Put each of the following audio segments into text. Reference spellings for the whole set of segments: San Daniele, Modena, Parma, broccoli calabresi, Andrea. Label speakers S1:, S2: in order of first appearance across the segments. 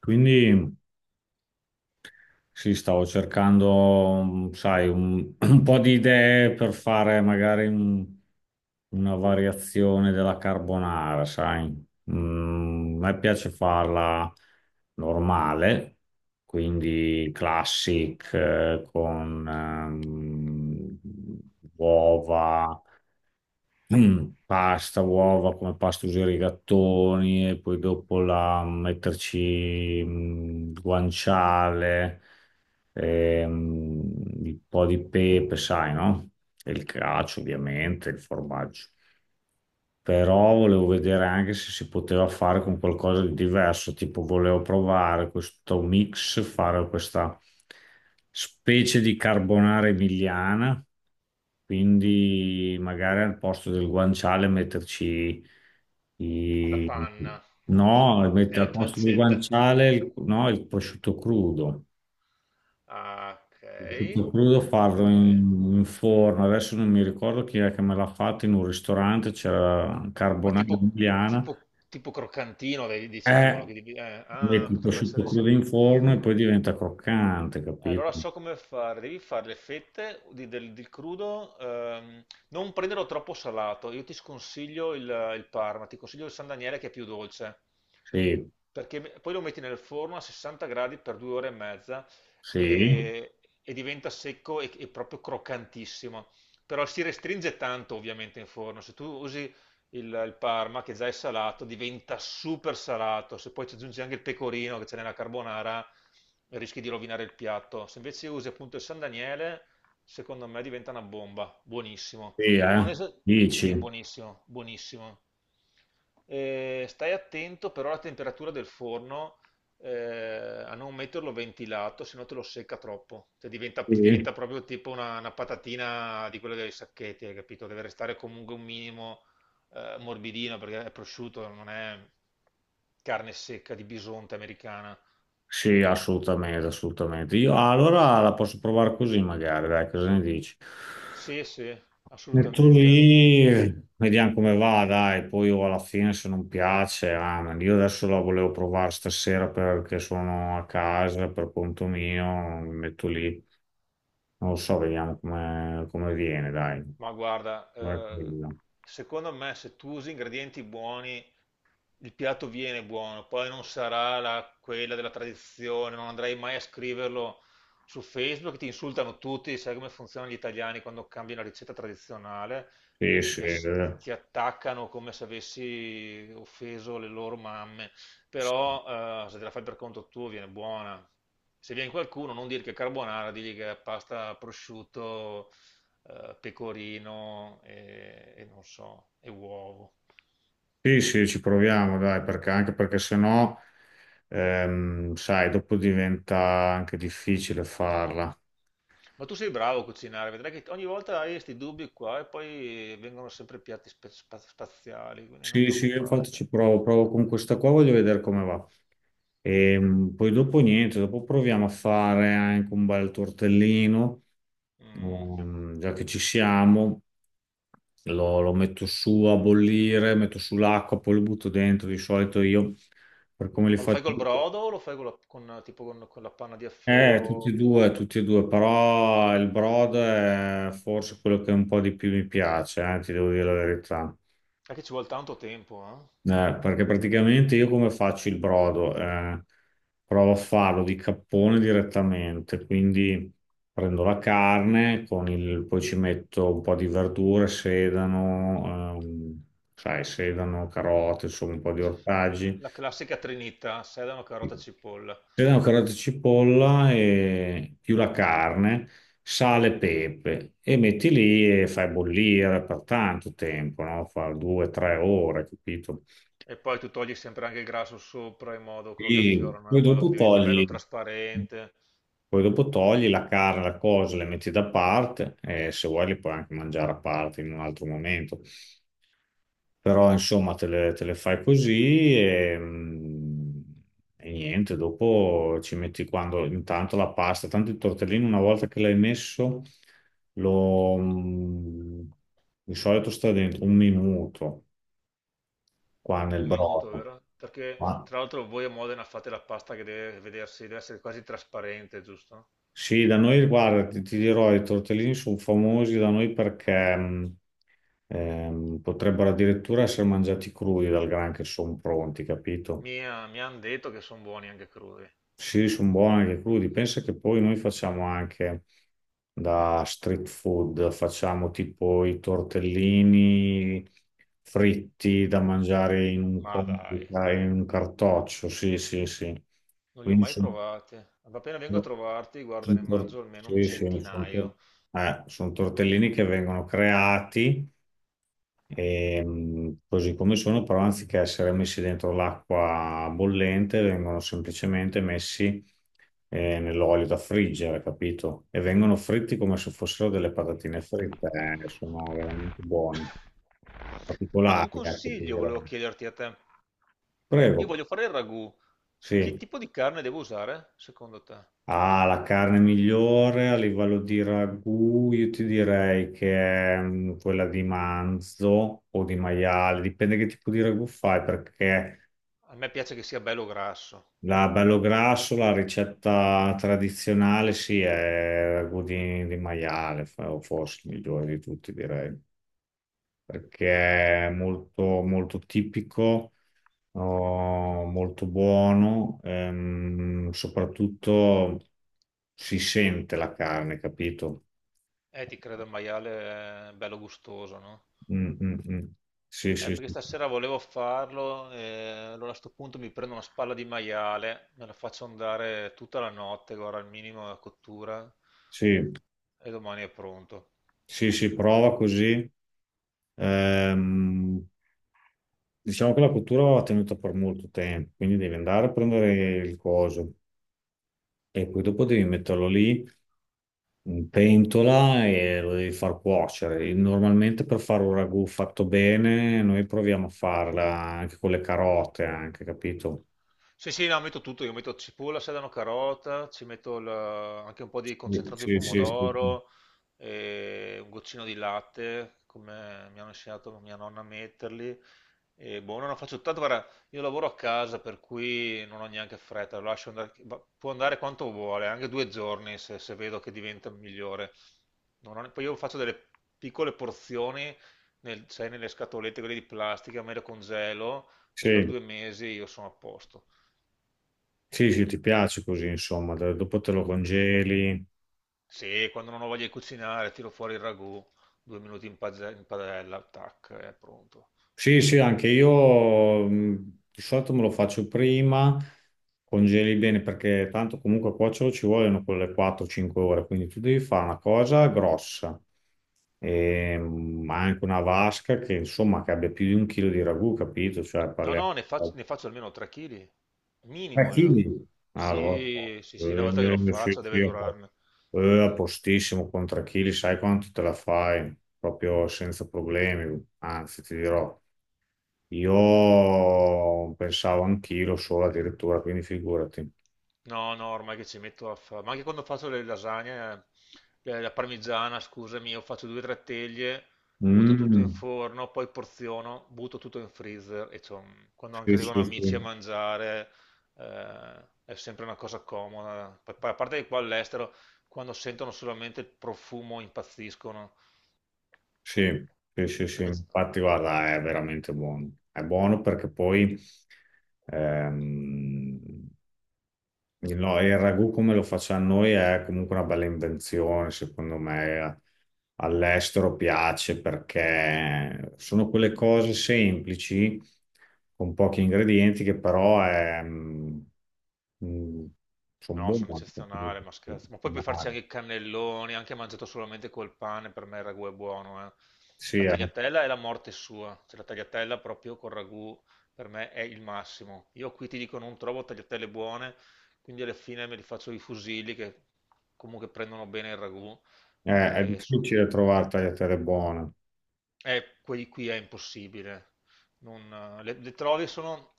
S1: Quindi sì, stavo cercando, sai, un po' di idee per fare magari una variazione della carbonara, sai. A me piace farla normale, quindi classic, con uova. Pasta, uova, come pasta usare i gattoni e poi dopo metterci il guanciale, ehm, un po' di pepe, sai, no? E il cacio, ovviamente, il formaggio, però volevo vedere anche se si poteva fare con qualcosa di diverso, tipo volevo provare questo mix, fare questa specie di carbonara emiliana, quindi magari al posto del guanciale metterci
S2: La
S1: i...
S2: panna
S1: No,
S2: e
S1: mettere
S2: la
S1: al posto del
S2: pancetta.
S1: guanciale il, no, il prosciutto crudo.
S2: Ah, ok,
S1: Il prosciutto crudo farlo
S2: ok.
S1: in forno. Adesso non mi ricordo chi è che me l'ha fatto in un ristorante, c'era
S2: Ma
S1: carbonara
S2: tipo,
S1: emiliana.
S2: tipo, tipo croccantino, vedi, dici tu, no?
S1: Eh, Metti il
S2: Potrebbe
S1: prosciutto
S2: essere.
S1: crudo in forno e poi diventa croccante,
S2: Allora
S1: capito?
S2: so come fare, devi fare le fette del crudo, non prenderlo troppo salato, io ti sconsiglio il Parma, ti consiglio il San Daniele che è più dolce,
S1: Sì,
S2: perché poi lo metti nel forno a 60 gradi per 2 ore e mezza
S1: sì,
S2: e diventa secco e proprio croccantissimo, però si restringe tanto ovviamente in forno, se tu usi il Parma, che già è salato, diventa super salato. Se poi ci aggiungi anche il pecorino che c'è nella carbonara, rischi di rovinare il piatto. Se invece usi appunto il San Daniele, secondo me diventa una bomba. Buonissimo.
S1: sì,
S2: Non
S1: eh.
S2: esa- sì,
S1: Dici?
S2: buonissimo, buonissimo. Stai attento però alla temperatura del forno, a non metterlo ventilato, se no te lo secca troppo. Cioè, ti
S1: Sì,
S2: diventa proprio tipo una patatina di quelle dei sacchetti, hai capito? Deve restare comunque un minimo morbidino perché è prosciutto, non è carne secca di bisonte americana.
S1: sì, assolutamente, assolutamente. Io allora la posso provare così magari, dai, cosa ne dici?
S2: Sì, sì,
S1: Metto
S2: assolutamente.
S1: lì, vediamo come va, dai, poi io alla fine se non piace, amen. Io adesso la volevo provare stasera perché sono a casa per conto mio, mi metto lì. Non lo so, vediamo come viene, dai.
S2: Ma guarda,
S1: Guarda quella.
S2: secondo me se tu usi ingredienti buoni, il piatto viene buono, poi non sarà quella della tradizione, non andrai mai a scriverlo su Facebook, ti insultano tutti, sai come funzionano gli italiani quando cambi una ricetta tradizionale.
S1: Sì,
S2: te-
S1: sì,
S2: ti, ass-
S1: eh.
S2: Ti attaccano come se avessi offeso le loro mamme, però se te la fai per conto tuo viene buona. Se viene qualcuno, non dire che è carbonara, digli che è pasta prosciutto, pecorino e non so, e uovo.
S1: Sì, sì, ci proviamo, dai, perché sennò, sai, dopo diventa anche difficile farla.
S2: Ma tu sei bravo a cucinare, vedrai che ogni volta hai questi dubbi qua e poi vengono sempre piatti spaziali, quindi non
S1: Sì, sì, io infatti
S2: preoccuparti.
S1: ci provo, con questa qua, voglio vedere come va. E poi dopo niente, dopo proviamo a fare anche un bel tortellino,
S2: Mm.
S1: già che ci siamo. Lo metto su a bollire, metto su l'acqua, poi lo butto dentro. Di solito io, per come li
S2: Ma lo
S1: faccio.
S2: fai col brodo o lo fai con, tipo, con la panna di
S1: Tutti e
S2: affioro?
S1: due, tutti e due, però il brodo è forse quello che un po' di più mi piace, ti devo dire la verità.
S2: È che ci vuole tanto tempo, eh?
S1: Perché praticamente io come faccio il brodo? Provo a farlo di cappone direttamente, quindi prendo la carne, poi ci metto un po' di verdure, sedano, sai, sedano, carote, insomma un po' di
S2: Cioè,
S1: ortaggi,
S2: la classica trinità, sedano, carota, cipolla.
S1: sedano, carote, e cipolla e più la carne, sale e pepe e metti lì e fai bollire per tanto tempo, no? Fa due, tre ore, capito?
S2: E poi tu togli sempre anche il grasso sopra in modo quello che
S1: Sì,
S2: affiorano,
S1: poi
S2: in modo che
S1: dopo
S2: diventi bello
S1: togli,
S2: trasparente.
S1: la carne, la cosa, le metti da parte e se vuoi le puoi anche mangiare a parte in un altro momento. Però insomma te le fai così e niente, dopo ci metti quando intanto la pasta, tanto il tortellino una volta che l'hai messo lo, mm, di solito sta dentro un minuto qua nel
S2: Un minuto,
S1: brodo.
S2: vero? Perché
S1: Ma
S2: tra l'altro voi a Modena fate la pasta che deve vedersi, deve essere quasi trasparente, giusto?
S1: sì, da noi, guarda, ti dirò, i tortellini sono famosi da noi perché potrebbero addirittura essere mangiati crudi dal gran che sono pronti, capito?
S2: Mi hanno detto che sono buoni anche crudi.
S1: Sì, sono buoni anche crudi. Pensa che poi noi facciamo anche da street food, facciamo tipo i tortellini fritti da mangiare in un,
S2: Ma
S1: combi-
S2: dai,
S1: in un cartoccio. Sì, sì, sì.
S2: non li ho
S1: Quindi
S2: mai provati. Appena vengo a trovarti, guarda, ne mangio almeno un
S1: sì, sì,
S2: centinaio.
S1: sono tortellini che vengono creati. Così come sono, però anziché essere messi dentro l'acqua bollente, vengono semplicemente messi nell'olio da friggere, capito? E vengono fritti come se fossero delle patatine fritte. Sono veramente buoni,
S2: Ma un
S1: particolari, ecco, ti
S2: consiglio volevo
S1: direi.
S2: chiederti a te. Io
S1: Prego,
S2: voglio fare il ragù. Che
S1: sì.
S2: tipo di carne devo usare, secondo te?
S1: Ah, la carne migliore a livello di ragù, io ti direi che è quella di manzo o di maiale, dipende che tipo di ragù fai, perché.
S2: A me piace che sia bello grasso.
S1: La bello grasso, la ricetta tradizionale, sì, è ragù di maiale, o forse il migliore di tutti, direi, perché è molto, molto tipico, oh, molto buono, soprattutto si sente la carne, capito?
S2: Ti credo, il maiale è bello gustoso, no?
S1: Mm, mm, mm. Sì, sì,
S2: Perché
S1: sì,
S2: stasera volevo farlo, allora a sto punto mi prendo una spalla di maiale, me la faccio andare tutta la notte, guarda, al minimo la cottura,
S1: sì,
S2: e domani è pronto.
S1: sì, sì, prova così. Ehm, Diciamo che la cottura va tenuta per molto tempo, quindi devi andare a prendere il coso e poi dopo devi metterlo lì in pentola e lo devi far cuocere. E normalmente per fare un ragù fatto bene, noi proviamo a farla anche con le carote, anche, capito?
S2: Sì, sì, no, metto tutto, io metto cipolla, sedano, carota, ci metto anche un po' di concentrato di
S1: Sì, sì, sì. Sì,
S2: pomodoro, e un goccino di latte, come mi hanno insegnato mia nonna a metterli. E boh, non lo faccio tanto, guarda, io lavoro a casa, per cui non ho neanche fretta, lo lascio andare, può andare quanto vuole, anche 2 giorni se, se vedo che diventa migliore. Non ho- poi io faccio delle piccole porzioni, sai, nelle scatolette, quelle di plastica, me le congelo e per
S1: sì,
S2: 2 mesi io sono a posto.
S1: sì, sì, ti piace così, insomma, dopo te lo congeli.
S2: Sì, quando non ho voglia di cucinare, tiro fuori il ragù, 2 minuti in padella, tac, è pronto.
S1: Sì, sì, anche io di solito me lo faccio prima, congeli bene perché tanto comunque a cuocerlo ci vogliono quelle 4-5 ore, quindi tu devi fare una cosa grossa, e, anche una vasca che insomma che abbia più di un chilo di ragù, capito? Cioè
S2: No,
S1: parliamo
S2: no, ne
S1: di
S2: faccio almeno 3 kg,
S1: 3
S2: minimo io.
S1: chili. Allora,
S2: Sì, sì, sì, una volta che lo
S1: sì,
S2: faccio
S1: sì,
S2: deve durarne.
S1: a postissimo con 3 chili, sai quanto te la fai? Proprio senza problemi, anzi ti dirò. Io pensavo anch'io solo addirittura, quindi figurati.
S2: No, no, ormai che ci metto a fare, ma anche quando faccio le lasagne, la parmigiana, scusami, io faccio due o tre teglie, butto tutto in
S1: Mm,
S2: forno, poi porziono, butto tutto in freezer e quando anche
S1: sì,
S2: arrivano
S1: sì,
S2: amici a
S1: sì,
S2: mangiare, è sempre una cosa comoda. Poi, a parte che qua all'estero, quando sentono solamente il profumo impazziscono,
S1: sì, sì, sì, sì.
S2: perché
S1: Infatti, guarda, è veramente buono. È buono perché poi ehm, il, no, il ragù come lo facciamo noi è comunque una bella invenzione, secondo me. All'estero piace perché sono quelle cose semplici, con pochi ingredienti, che però mm, sono
S2: No,
S1: buone
S2: sono
S1: anche per i
S2: eccezionale, ma scherzo. Ma poi puoi farci
S1: professionali.
S2: anche i cannelloni, anche mangiato solamente col pane, per me il ragù è buono, eh.
S1: Sì,
S2: La
S1: è,
S2: tagliatella è la morte sua, cioè la tagliatella proprio col ragù per me è il massimo. Io qui ti dico non trovo tagliatelle buone, quindi alla fine me li faccio i fusilli che comunque prendono bene il ragù.
S1: è- è
S2: E sono-
S1: difficile trovare tagliatelle buone.
S2: eh, qui, qui è impossibile. Le trovi sono,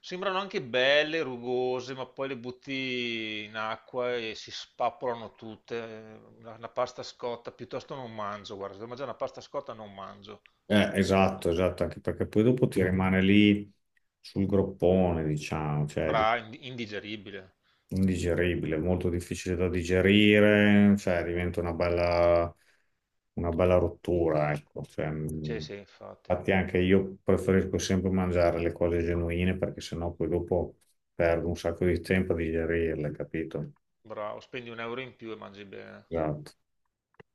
S2: sembrano anche belle, rugose, ma poi le butti in acqua e si spappolano tutte. La pasta scotta piuttosto non mangio, guarda, se devo mangiare una pasta scotta non mangio.
S1: Esatto, esatto, anche perché poi dopo ti rimane lì sul groppone, diciamo, cioè è
S2: Indigeribile.
S1: indigeribile, molto difficile da digerire, cioè diventa una bella rottura, ecco. Cioè,
S2: Sì, sì, infatti.
S1: infatti anche io preferisco sempre mangiare le cose genuine perché sennò poi dopo perdo un sacco di tempo a digerirle, capito?
S2: Bravo, spendi un euro in più e mangi bene.
S1: Esatto.